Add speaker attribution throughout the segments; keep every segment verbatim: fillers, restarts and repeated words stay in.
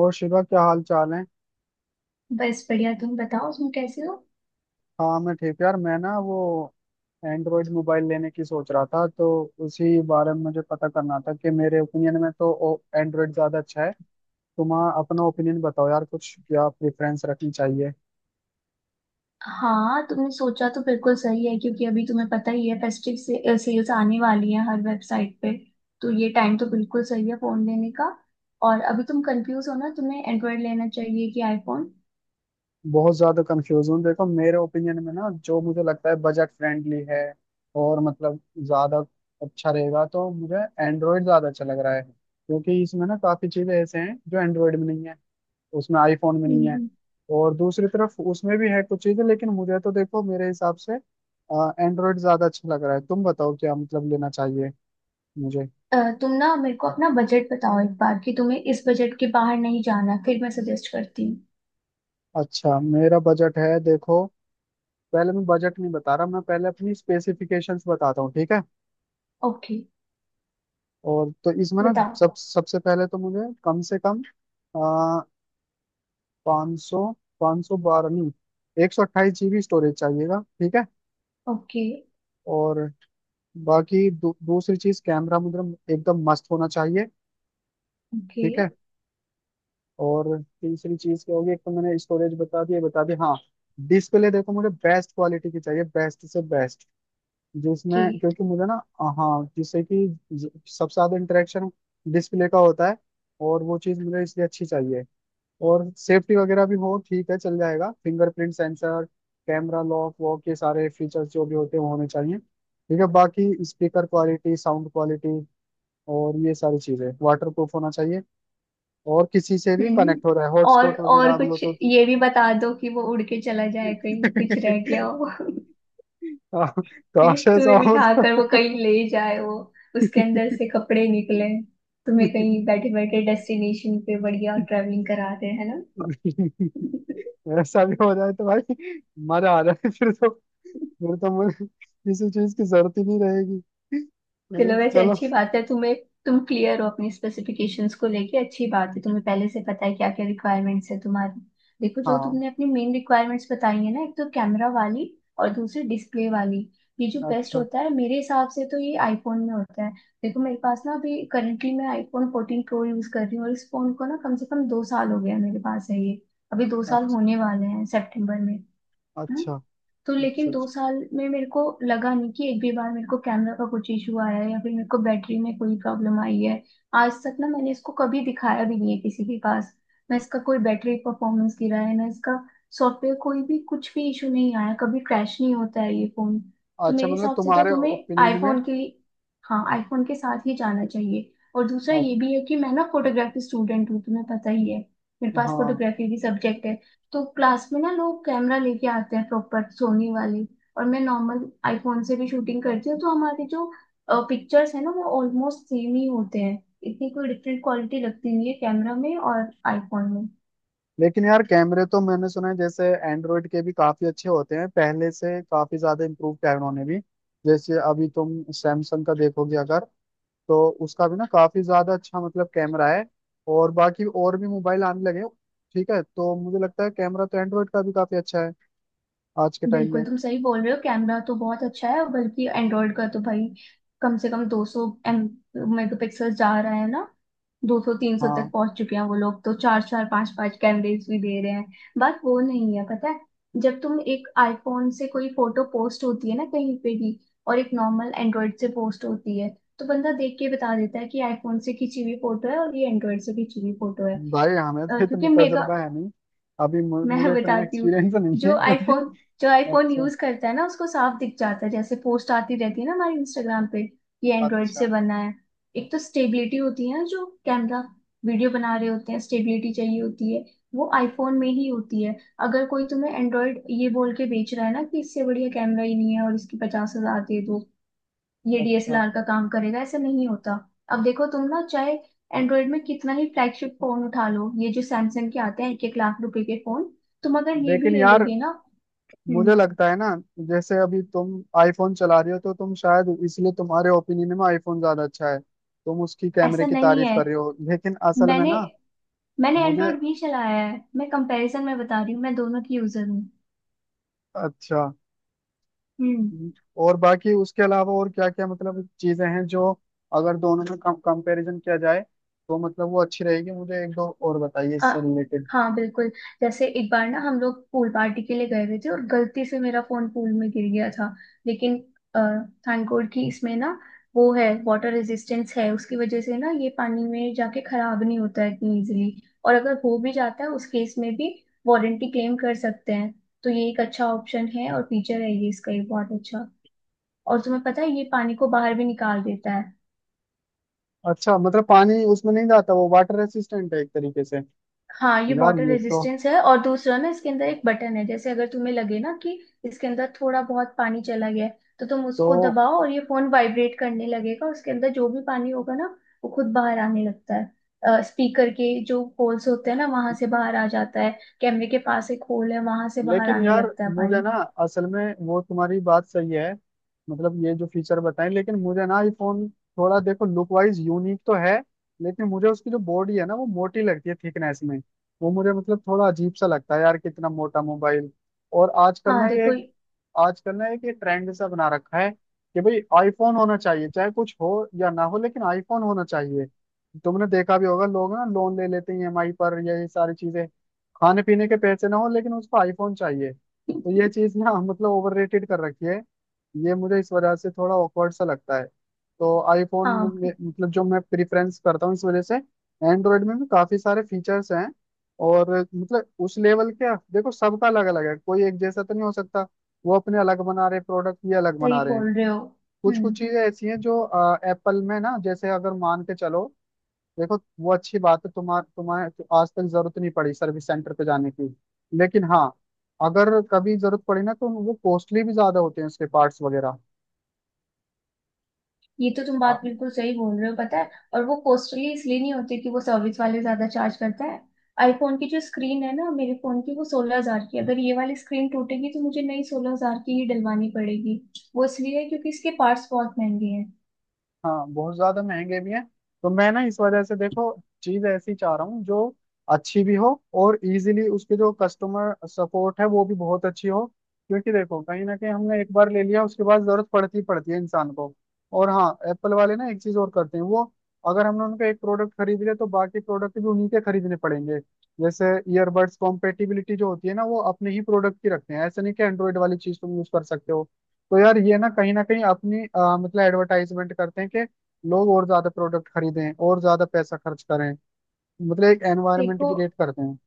Speaker 1: और शिवा क्या हाल चाल है।
Speaker 2: बस बढ़िया। तुम बताओ उसमें कैसे हो?
Speaker 1: हाँ मैं ठीक यार। मैं ना वो एंड्रॉयड मोबाइल लेने की सोच रहा था, तो उसी बारे में मुझे पता करना था कि मेरे ओपिनियन में तो एंड्रॉयड ज्यादा अच्छा है। तुम अपना ओपिनियन बताओ यार, कुछ क्या प्रेफरेंस रखनी चाहिए।
Speaker 2: हाँ, तुमने सोचा तो बिल्कुल सही है क्योंकि अभी तुम्हें पता ही है, फेस्टिव से, सेल्स आने वाली है हर वेबसाइट पे। तो ये टाइम तो बिल्कुल सही है फोन लेने का। और अभी तुम कंफ्यूज हो ना, तुम्हें एंड्रॉयड लेना चाहिए कि आईफोन।
Speaker 1: बहुत ज्यादा कंफ्यूज हूँ। देखो मेरे ओपिनियन में ना, जो मुझे लगता है बजट फ्रेंडली है और मतलब ज्यादा अच्छा रहेगा, तो मुझे एंड्रॉयड ज्यादा अच्छा लग रहा है, क्योंकि इसमें ना काफी चीजें ऐसे हैं जो एंड्रॉयड में नहीं है उसमें, आईफोन में नहीं है।
Speaker 2: हम्म।
Speaker 1: और दूसरी तरफ उसमें भी है कुछ चीजें, लेकिन मुझे तो देखो मेरे हिसाब से एंड्रॉयड ज्यादा अच्छा लग रहा है। तुम बताओ क्या मतलब लेना चाहिए मुझे।
Speaker 2: अ, तुम ना मेरे को अपना बजट बताओ एक बार कि तुम्हें इस बजट के बाहर नहीं जाना, फिर मैं सजेस्ट करती हूँ।
Speaker 1: अच्छा मेरा बजट है, देखो पहले मैं बजट नहीं बता रहा, मैं पहले अपनी स्पेसिफिकेशंस बताता हूँ ठीक है।
Speaker 2: ओके।
Speaker 1: और तो इसमें ना
Speaker 2: बताओ।
Speaker 1: सब सबसे पहले तो मुझे कम से कम आ, पाँच सौ, पाँच सौ बारह नहीं, एक सौ अट्ठाईस जीबी स्टोरेज चाहिएगा ठीक है।
Speaker 2: ओके।
Speaker 1: और बाकी दू, दूसरी चीज कैमरा मुझे एकदम मस्त होना चाहिए
Speaker 2: ओके।
Speaker 1: ठीक है। और तीसरी चीज क्या होगी, एक तो मैंने स्टोरेज बता दी, ये बता दी हाँ। डिस्प्ले देखो मुझे बेस्ट क्वालिटी की चाहिए, बेस्ट से बेस्ट,
Speaker 2: ओके।
Speaker 1: जिसमें क्योंकि मुझे ना, हाँ जिससे कि ज- सबसे ज्यादा इंटरेक्शन डिस्प्ले का होता है, और वो चीज मुझे इसलिए अच्छी चाहिए। और सेफ्टी वगैरह भी हो ठीक है चल जाएगा, फिंगरप्रिंट सेंसर, कैमरा लॉक वॉक, ये सारे फीचर्स जो भी होते हैं वो होने चाहिए ठीक है। बाकी स्पीकर क्वालिटी, साउंड क्वालिटी और ये सारी चीजें, वाटर प्रूफ होना चाहिए। और किसी से भी
Speaker 2: हम्म।
Speaker 1: कनेक्ट हो रहा है
Speaker 2: और
Speaker 1: हॉटस्पॉट वगैरह
Speaker 2: और
Speaker 1: आप लो
Speaker 2: कुछ
Speaker 1: तो।
Speaker 2: ये भी बता दो कि वो उड़ के चला जाए, कहीं कुछ रह गया हो।
Speaker 1: आ,
Speaker 2: हैं?
Speaker 1: काश ऐसा
Speaker 2: तुम्हें
Speaker 1: हो
Speaker 2: बिठा
Speaker 1: तो।
Speaker 2: कर वो कहीं ले जाए, वो उसके अंदर से कपड़े निकले, तुम्हें कहीं बैठे बैठे डेस्टिनेशन पे बढ़िया ट्रैवलिंग करा दे, है ना।
Speaker 1: ऐसा भी हो जाए तो भाई मजा आ जाए फिर तो। फिर तो मुझे किसी चीज की जरूरत ही नहीं रहेगी।
Speaker 2: चलो,
Speaker 1: मैं- कि
Speaker 2: वैसे
Speaker 1: चलो।
Speaker 2: अच्छी बात है तुम्हें, तुम क्लियर हो अपनी स्पेसिफिकेशंस को लेके। अच्छी बात है, तुम्हें पहले से पता है क्या क्या रिक्वायरमेंट्स है तुम्हारी। देखो, जो
Speaker 1: हाँ।
Speaker 2: तुमने अपनी मेन रिक्वायरमेंट्स बताई है ना, एक तो कैमरा वाली और दूसरी डिस्प्ले वाली, ये जो बेस्ट
Speaker 1: अच्छा,
Speaker 2: होता है मेरे हिसाब से तो ये आईफोन में होता है। देखो, मेरे पास ना अभी करंटली मैं आईफोन फोर्टीन प्रो यूज कर रही हूँ, और इस फोन को ना कम से कम दो साल हो गया, मेरे पास है ये। अभी दो साल
Speaker 1: अच्छा,
Speaker 2: होने वाले हैं सेप्टेम्बर में। हैं?
Speaker 1: अच्छा,
Speaker 2: तो लेकिन
Speaker 1: अच्छा,
Speaker 2: दो
Speaker 1: अच्छा,
Speaker 2: साल में मेरे को लगा नहीं कि एक भी बार मेरे को कैमरा का कुछ इशू आया है या फिर मेरे को बैटरी में कोई प्रॉब्लम आई है। आज तक ना मैंने इसको कभी दिखाया भी नहीं है किसी के पास। ना इसका कोई बैटरी परफॉर्मेंस गिरा है, ना इसका सॉफ्टवेयर, कोई भी कुछ भी इशू नहीं आया, कभी क्रैश नहीं होता है ये फोन। तो
Speaker 1: अच्छा
Speaker 2: मेरे
Speaker 1: मतलब
Speaker 2: हिसाब से तो
Speaker 1: तुम्हारे
Speaker 2: तुम्हें
Speaker 1: ओपिनियन में।
Speaker 2: आईफोन के लिए, हाँ, आईफोन के साथ ही जाना चाहिए। और दूसरा
Speaker 1: अच्छा,
Speaker 2: ये भी है कि मैं ना फोटोग्राफी स्टूडेंट हूँ, तुम्हें पता ही है। मेरे पास
Speaker 1: हाँ।
Speaker 2: फोटोग्राफी की सब्जेक्ट है। तो क्लास में ना लोग कैमरा लेके आते हैं प्रॉपर सोनी वाली। और मैं नॉर्मल आईफोन से भी शूटिंग करती हूँ, तो हमारी जो पिक्चर्स है ना वो ऑलमोस्ट सेम ही होते हैं। इतनी कोई डिफरेंट क्वालिटी लगती नहीं है कैमरा में और आईफोन में।
Speaker 1: लेकिन यार कैमरे तो मैंने सुना है, जैसे एंड्रॉइड के भी काफी अच्छे होते हैं, पहले से काफी ज्यादा इम्प्रूव किया है उन्होंने भी। जैसे अभी तुम सैमसंग का देखोगे अगर, तो उसका भी ना काफी ज्यादा अच्छा मतलब कैमरा है, और बाकी और भी मोबाइल आने लगे हैं, ठीक है, तो मुझे लगता है कैमरा तो एंड्रॉइड का भी काफी अच्छा है आज के टाइम
Speaker 2: बिल्कुल,
Speaker 1: में।
Speaker 2: तुम सही बोल रहे हो, कैमरा तो बहुत अच्छा है और बल्कि एंड्रॉइड का तो भाई कम से कम दो सौ एम मेगापिक्सल जा रहा है ना, दो सौ तीन सौ तक
Speaker 1: हाँ
Speaker 2: पहुंच चुके हैं वो लोग, तो चार चार पांच पांच कैमरेज भी दे रहे हैं। बात वो नहीं है, पता है। जब तुम एक आईफोन से कोई फोटो पोस्ट होती है ना कहीं पे भी, और एक नॉर्मल एंड्रॉइड से पोस्ट होती है, तो बंदा देख के बता देता है कि आईफोन से खींची हुई फोटो है और ये एंड्रॉइड से खींची हुई फोटो है।
Speaker 1: भाई हमें तो
Speaker 2: अ,
Speaker 1: इतना
Speaker 2: क्योंकि मेगा
Speaker 1: तजुर्बा है नहीं। अभी मु- मुझे
Speaker 2: मैं
Speaker 1: इतना
Speaker 2: बताती हूँ।
Speaker 1: एक्सपीरियंस नहीं है
Speaker 2: जो
Speaker 1: क्योंकि
Speaker 2: आईफोन जो आईफोन
Speaker 1: अच्छा,
Speaker 2: यूज करता है ना उसको साफ दिख जाता है, जैसे पोस्ट आती रहती है ना हमारे इंस्टाग्राम पे, ये एंड्रॉइड से
Speaker 1: अच्छा,
Speaker 2: बना है। एक तो स्टेबिलिटी होती है ना, जो कैमरा वीडियो बना रहे होते हैं स्टेबिलिटी चाहिए होती है, वो आईफोन में ही होती है। अगर कोई तुम्हें एंड्रॉइड ये बोल के बेच रहा है ना कि इससे बढ़िया कैमरा ही नहीं है और इसकी पचास हजार दे दो, ये
Speaker 1: अच्छा।
Speaker 2: डीएसएलआर का काम करेगा, ऐसा नहीं होता। अब देखो, तुम ना चाहे एंड्रॉइड में कितना ही फ्लैगशिप फोन उठा लो, ये जो सैमसंग के आते हैं एक एक लाख रुपए के फोन, तुम अगर ये भी
Speaker 1: लेकिन
Speaker 2: ले
Speaker 1: यार
Speaker 2: लोगे ना। हम्म।
Speaker 1: मुझे लगता है ना, जैसे अभी तुम आईफोन चला रही हो, तो तुम शायद इसलिए तुम्हारे ओपिनियन में आईफोन ज्यादा अच्छा है, तुम उसकी कैमरे
Speaker 2: ऐसा
Speaker 1: की
Speaker 2: नहीं
Speaker 1: तारीफ
Speaker 2: है।
Speaker 1: कर रहे हो, लेकिन असल में
Speaker 2: मैंने
Speaker 1: ना
Speaker 2: मैंने
Speaker 1: मुझे।
Speaker 2: एंड्रॉइड भी चलाया है, मैं कंपैरिजन में बता रही हूँ, मैं दोनों की यूजर हूँ।
Speaker 1: अच्छा।
Speaker 2: हम्म।
Speaker 1: और बाकी उसके अलावा और क्या क्या मतलब चीजें हैं, जो अगर दोनों में कम कंपैरिजन किया जाए तो मतलब वो अच्छी रहेगी, मुझे एक दो और बताइए
Speaker 2: आ,
Speaker 1: इससे रिलेटेड।
Speaker 2: हाँ, बिल्कुल। जैसे एक बार ना हम लोग पूल पार्टी के लिए गए हुए थे, और गलती से मेरा फोन पूल में गिर गया था। लेकिन थैंक गॉड कि इसमें ना, वो है, वाटर रेजिस्टेंस है, उसकी वजह से ना ये पानी में जाके खराब नहीं होता है इतनी इजीली। और अगर हो भी जाता है उस केस में भी वारंटी क्लेम कर सकते हैं। तो ये एक अच्छा ऑप्शन है और फीचर है ये इसका, ये बहुत अच्छा। और तुम्हें पता है, ये पानी को बाहर भी निकाल देता है।
Speaker 1: अच्छा मतलब पानी उसमें नहीं जाता, वो वाटर रेसिस्टेंट है एक तरीके से।
Speaker 2: हाँ, ये
Speaker 1: यार
Speaker 2: वाटर
Speaker 1: ये तो।
Speaker 2: रेजिस्टेंस है, और दूसरा ना इसके अंदर एक बटन है, जैसे अगर तुम्हें लगे ना कि इसके अंदर थोड़ा बहुत पानी चला गया है, तो तुम उसको
Speaker 1: तो
Speaker 2: दबाओ और ये फोन वाइब्रेट करने लगेगा, उसके अंदर जो भी पानी होगा ना वो खुद बाहर आने लगता है, स्पीकर के जो होल्स होते हैं ना वहां से बाहर आ जाता है, कैमरे के पास एक होल है वहां से बाहर
Speaker 1: लेकिन
Speaker 2: आने
Speaker 1: यार
Speaker 2: लगता है
Speaker 1: मुझे
Speaker 2: पानी।
Speaker 1: ना, असल में वो तुम्हारी बात सही है मतलब ये जो फीचर बताएं, लेकिन मुझे ना आईफोन थोड़ा देखो लुक वाइज यूनिक तो है, लेकिन मुझे उसकी जो बॉडी है ना वो मोटी लगती है थिकनेस में। वो मुझे मतलब थोड़ा अजीब सा लगता है यार, कितना मोटा मोबाइल। और आजकल
Speaker 2: हाँ।
Speaker 1: ना ये
Speaker 2: देखो।
Speaker 1: एक, आजकल ना एक ये ट्रेंड सा बना रखा है कि भाई आईफोन होना चाहिए, चाहे कुछ हो या ना हो लेकिन आईफोन होना चाहिए। तुमने देखा भी होगा, लोग ना लोन ले लेते हैं ईएमआई पर या ये सारी चीजें, खाने पीने के पैसे ना हो लेकिन उसको आईफोन चाहिए, तो ये चीज ना मतलब ओवररेटेड कर रखी है। ये मुझे इस वजह से थोड़ा ऑकवर्ड सा लगता है। तो आईफोन
Speaker 2: हाँ,
Speaker 1: मतलब जो मैं प्रिफरेंस करता हूँ इस वजह से, एंड्रॉयड में भी काफी सारे फीचर्स हैं और मतलब उस लेवल के, देखो सबका अलग अलग है, कोई एक जैसा तो नहीं हो सकता। वो अपने अलग बना रहे प्रोडक्ट, ये अलग
Speaker 2: सही
Speaker 1: बना रहे हैं।
Speaker 2: बोल रहे हो।
Speaker 1: कुछ
Speaker 2: हम्म।
Speaker 1: कुछ चीजें ऐसी हैं जो एप्पल में ना, जैसे अगर मान के चलो, देखो वो अच्छी बात है, तुम्हार तुम्हें तो आज तक जरूरत नहीं पड़ी सर्विस सेंटर पे जाने की, लेकिन हाँ अगर कभी जरूरत पड़ी ना, तो वो कॉस्टली भी ज्यादा होते हैं, उसके पार्ट्स वगैरह।
Speaker 2: ये तो तुम बात बिल्कुल सही बोल रहे हो, पता है, और वो कॉस्टली इसलिए नहीं होती कि वो सर्विस वाले ज्यादा चार्ज करता है। आईफोन की जो स्क्रीन है ना मेरे फोन की, वो सोलह हजार की है। अगर ये वाली स्क्रीन टूटेगी तो मुझे नई सोलह हजार की ही डलवानी पड़ेगी। वो इसलिए है क्योंकि इसके पार्ट्स बहुत महंगे हैं।
Speaker 1: हाँ बहुत ज्यादा महंगे भी हैं। तो मैं ना इस वजह से देखो, चीज ऐसी चाह रहा हूँ जो अच्छी भी हो, और इजीली उसके जो कस्टमर सपोर्ट है वो भी बहुत अच्छी हो, क्योंकि देखो कहीं ना कहीं हमने एक बार ले लिया, उसके बाद जरूरत पड़ती ही पड़ती है इंसान को। और हाँ एप्पल वाले ना एक चीज और करते हैं वो, अगर हमने उनका एक प्रोडक्ट खरीद लिया तो बाकी प्रोडक्ट भी उन्हीं के खरीदने पड़ेंगे। जैसे ईयरबड्स, कॉम्पेटिबिलिटी जो होती है ना, वो अपने ही प्रोडक्ट की रखते हैं, ऐसे नहीं कि एंड्रॉइड वाली चीज तुम यूज कर सकते हो। तो यार ये ना कहीं ना कहीं अपनी अ, मतलब एडवर्टाइजमेंट करते हैं कि लोग और ज्यादा प्रोडक्ट खरीदें और ज्यादा पैसा खर्च करें। मतलब एक एनवायरनमेंट
Speaker 2: देखो।
Speaker 1: क्रिएट करते हैं।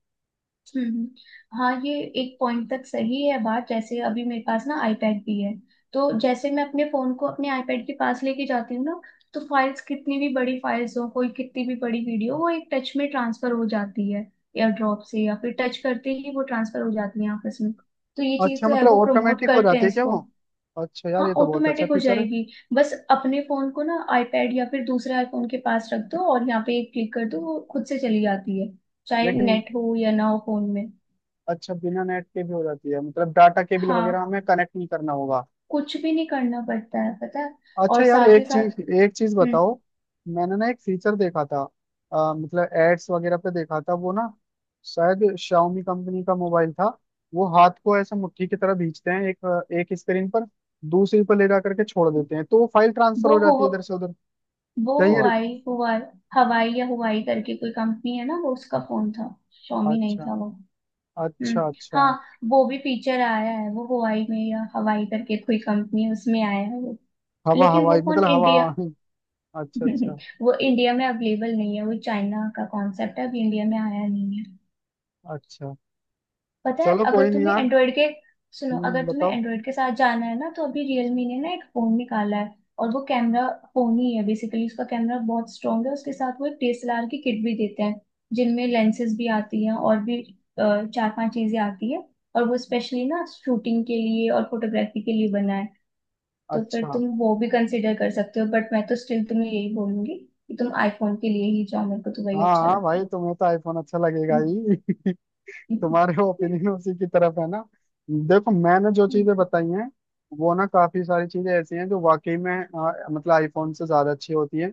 Speaker 2: हम्म। हाँ, ये एक पॉइंट तक सही है बात, जैसे अभी मेरे पास ना आईपैड भी है, तो जैसे मैं अपने फोन को अपने आईपैड के पास लेके जाती हूँ ना, तो फाइल्स कितनी भी बड़ी फाइल्स हो, कोई कितनी भी बड़ी वीडियो, वो एक टच में ट्रांसफर हो जाती है, या ड्रॉप से या फिर टच करते ही वो ट्रांसफर हो जाती है आपस में। तो ये चीज
Speaker 1: अच्छा
Speaker 2: तो है,
Speaker 1: मतलब
Speaker 2: वो प्रमोट
Speaker 1: ऑटोमेटिक हो
Speaker 2: करते
Speaker 1: जाती
Speaker 2: हैं
Speaker 1: है क्या
Speaker 2: इसको।
Speaker 1: वो। अच्छा यार
Speaker 2: हाँ,
Speaker 1: ये तो बहुत अच्छा
Speaker 2: ऑटोमेटिक हो
Speaker 1: फीचर है।
Speaker 2: जाएगी। बस अपने फोन को ना आईपैड या फिर दूसरे आईफोन के पास रख दो, और यहाँ पे एक क्लिक कर दो, वो खुद से चली जाती है, चाहे
Speaker 1: लेकिन
Speaker 2: नेट हो या ना हो फोन में।
Speaker 1: अच्छा बिना नेट के भी हो जाती है, मतलब डाटा केबल
Speaker 2: हाँ।
Speaker 1: वगैरह हमें कनेक्ट नहीं करना होगा।
Speaker 2: कुछ भी नहीं करना पड़ता है, पता है,
Speaker 1: अच्छा
Speaker 2: और
Speaker 1: यार
Speaker 2: साथ ही
Speaker 1: एक
Speaker 2: साथ,
Speaker 1: चीज, एक चीज
Speaker 2: हम्म।
Speaker 1: बताओ, मैंने ना एक फीचर देखा था, अ, मतलब एड्स वगैरह पे देखा था वो ना, शायद शाओमी कंपनी का मोबाइल था, वो हाथ को ऐसा मुट्ठी की तरह खींचते हैं, एक एक स्क्रीन पर दूसरी पर ले जा करके छोड़ देते हैं, तो वो फाइल ट्रांसफर
Speaker 2: वो
Speaker 1: हो
Speaker 2: हो
Speaker 1: जाती है इधर से उधर।
Speaker 2: वो
Speaker 1: क्या यार।
Speaker 2: हुआई हुआ। हवाई या हुआई करके कोई कंपनी है ना, वो, उसका फोन था। शॉमी नहीं
Speaker 1: अच्छा,
Speaker 2: था वो। हम्म।
Speaker 1: अच्छा, अच्छा
Speaker 2: हाँ। वो भी फीचर आया है, वो हुआई में या हवाई करके कोई कंपनी है, उसमें आया है वो।
Speaker 1: हवा
Speaker 2: लेकिन
Speaker 1: हवाई
Speaker 2: वो फोन
Speaker 1: मतलब हवा।
Speaker 2: इंडिया।
Speaker 1: अच्छा, अच्छा,
Speaker 2: वो इंडिया में अवेलेबल नहीं है, वो चाइना का कॉन्सेप्ट है, अभी इंडिया में आया नहीं है।
Speaker 1: अच्छा।
Speaker 2: पता है।
Speaker 1: चलो
Speaker 2: अगर
Speaker 1: कोई नहीं
Speaker 2: तुम्हें
Speaker 1: यार।
Speaker 2: एंड्रॉइड के सुनो, अगर
Speaker 1: हम्म,
Speaker 2: तुम्हें
Speaker 1: बताओ।
Speaker 2: एंड्रॉइड के साथ जाना है ना तो अभी रियलमी ने ना एक फोन निकाला है, और वो कैमरा फोन ही है बेसिकली, उसका कैमरा बहुत स्ट्रांग है, उसके साथ वो एक डीएसएलआर की किट भी देते हैं, जिनमें लेंसेज भी आती हैं, और भी अ, चार पांच चीजें आती है। और वो स्पेशली ना शूटिंग के लिए और फोटोग्राफी के लिए बना है। तो फिर
Speaker 1: अच्छा।
Speaker 2: तुम वो भी कंसिडर कर सकते हो, बट मैं तो स्टिल तुम्हें यही बोलूंगी कि तुम आईफोन के लिए ही जाओ, मेरे को तो वही
Speaker 1: हाँ,
Speaker 2: अच्छा
Speaker 1: हाँ
Speaker 2: लगता
Speaker 1: भाई
Speaker 2: है।
Speaker 1: तुम्हें तो आईफोन अच्छा लगेगा ही तुम्हारे ओपिनियन उसी की तरफ है ना। देखो मैंने जो चीजें बताई हैं वो ना, काफी सारी चीजें ऐसी हैं जो वाकई में अ, मतलब आईफोन से ज्यादा अच्छी होती हैं।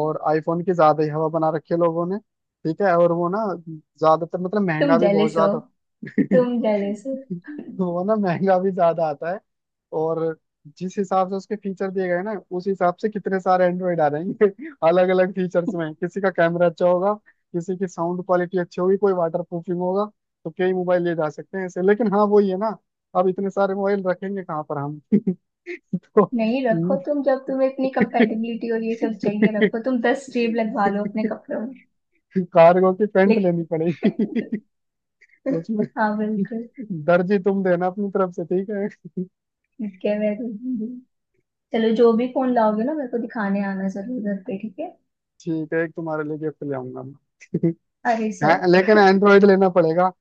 Speaker 1: और आईफोन की ज्यादा ही हवा बना रखी है लोगों ने, ठीक है और वो ना ज्यादातर मतलब
Speaker 2: तुम
Speaker 1: महंगा भी बहुत
Speaker 2: जेलस हो।
Speaker 1: ज्यादा।
Speaker 2: तुम जेलस हो।
Speaker 1: वो ना महंगा भी ज्यादा आता है। और जिस हिसाब से उसके फीचर दिए गए ना, उस हिसाब से कितने सारे एंड्रॉइड आ रहेंगे अलग अलग फीचर्स में, किसी का कैमरा अच्छा होगा, किसी की साउंड क्वालिटी अच्छी होगी, कोई वाटर प्रूफिंग होगा, तो कई मोबाइल ले जा सकते हैं ऐसे, लेकिन हाँ वही है ना, अब इतने सारे मोबाइल रखेंगे कहाँ पर हम तो
Speaker 2: नहीं, रखो, तुम जब तुम्हें इतनी कंपेटेबिलिटी और ये सब चाहिए, रखो तुम दस जेब लगवा लो अपने कपड़ों में।
Speaker 1: कार्गो की पैंट लेनी
Speaker 2: लेकिन।
Speaker 1: पड़ेगी उसमें।
Speaker 2: हाँ, बिल्कुल।
Speaker 1: दर्जी तुम देना अपनी तरफ से ठीक है
Speaker 2: ठीक है, मैं दे दूंगी। चलो, जो भी फोन लाओगे ना, मेरे को दिखाने आना जरूर घर पे, ठीक है।
Speaker 1: ठीक है, एक तुम्हारे लिए गिफ्ट ले आऊंगा मैं
Speaker 2: अरे
Speaker 1: हाँ,
Speaker 2: सर।
Speaker 1: लेकिन एंड्रॉइड लेना पड़ेगा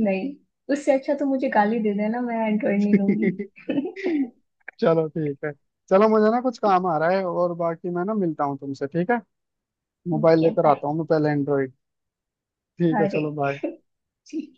Speaker 2: नहीं। उससे अच्छा तो मुझे गाली दे देना, मैं एंड्रॉइड नहीं लूंगी।
Speaker 1: चलो ठीक है। चलो मुझे ना कुछ काम आ रहा है, और बाकी मैं ना मिलता हूँ तुमसे ठीक है। मोबाइल
Speaker 2: ठीक है,
Speaker 1: लेकर
Speaker 2: बाय।
Speaker 1: आता हूँ मैं, पहले एंड्रॉइड। ठीक है
Speaker 2: अरे।
Speaker 1: चलो बाय।
Speaker 2: ठीक।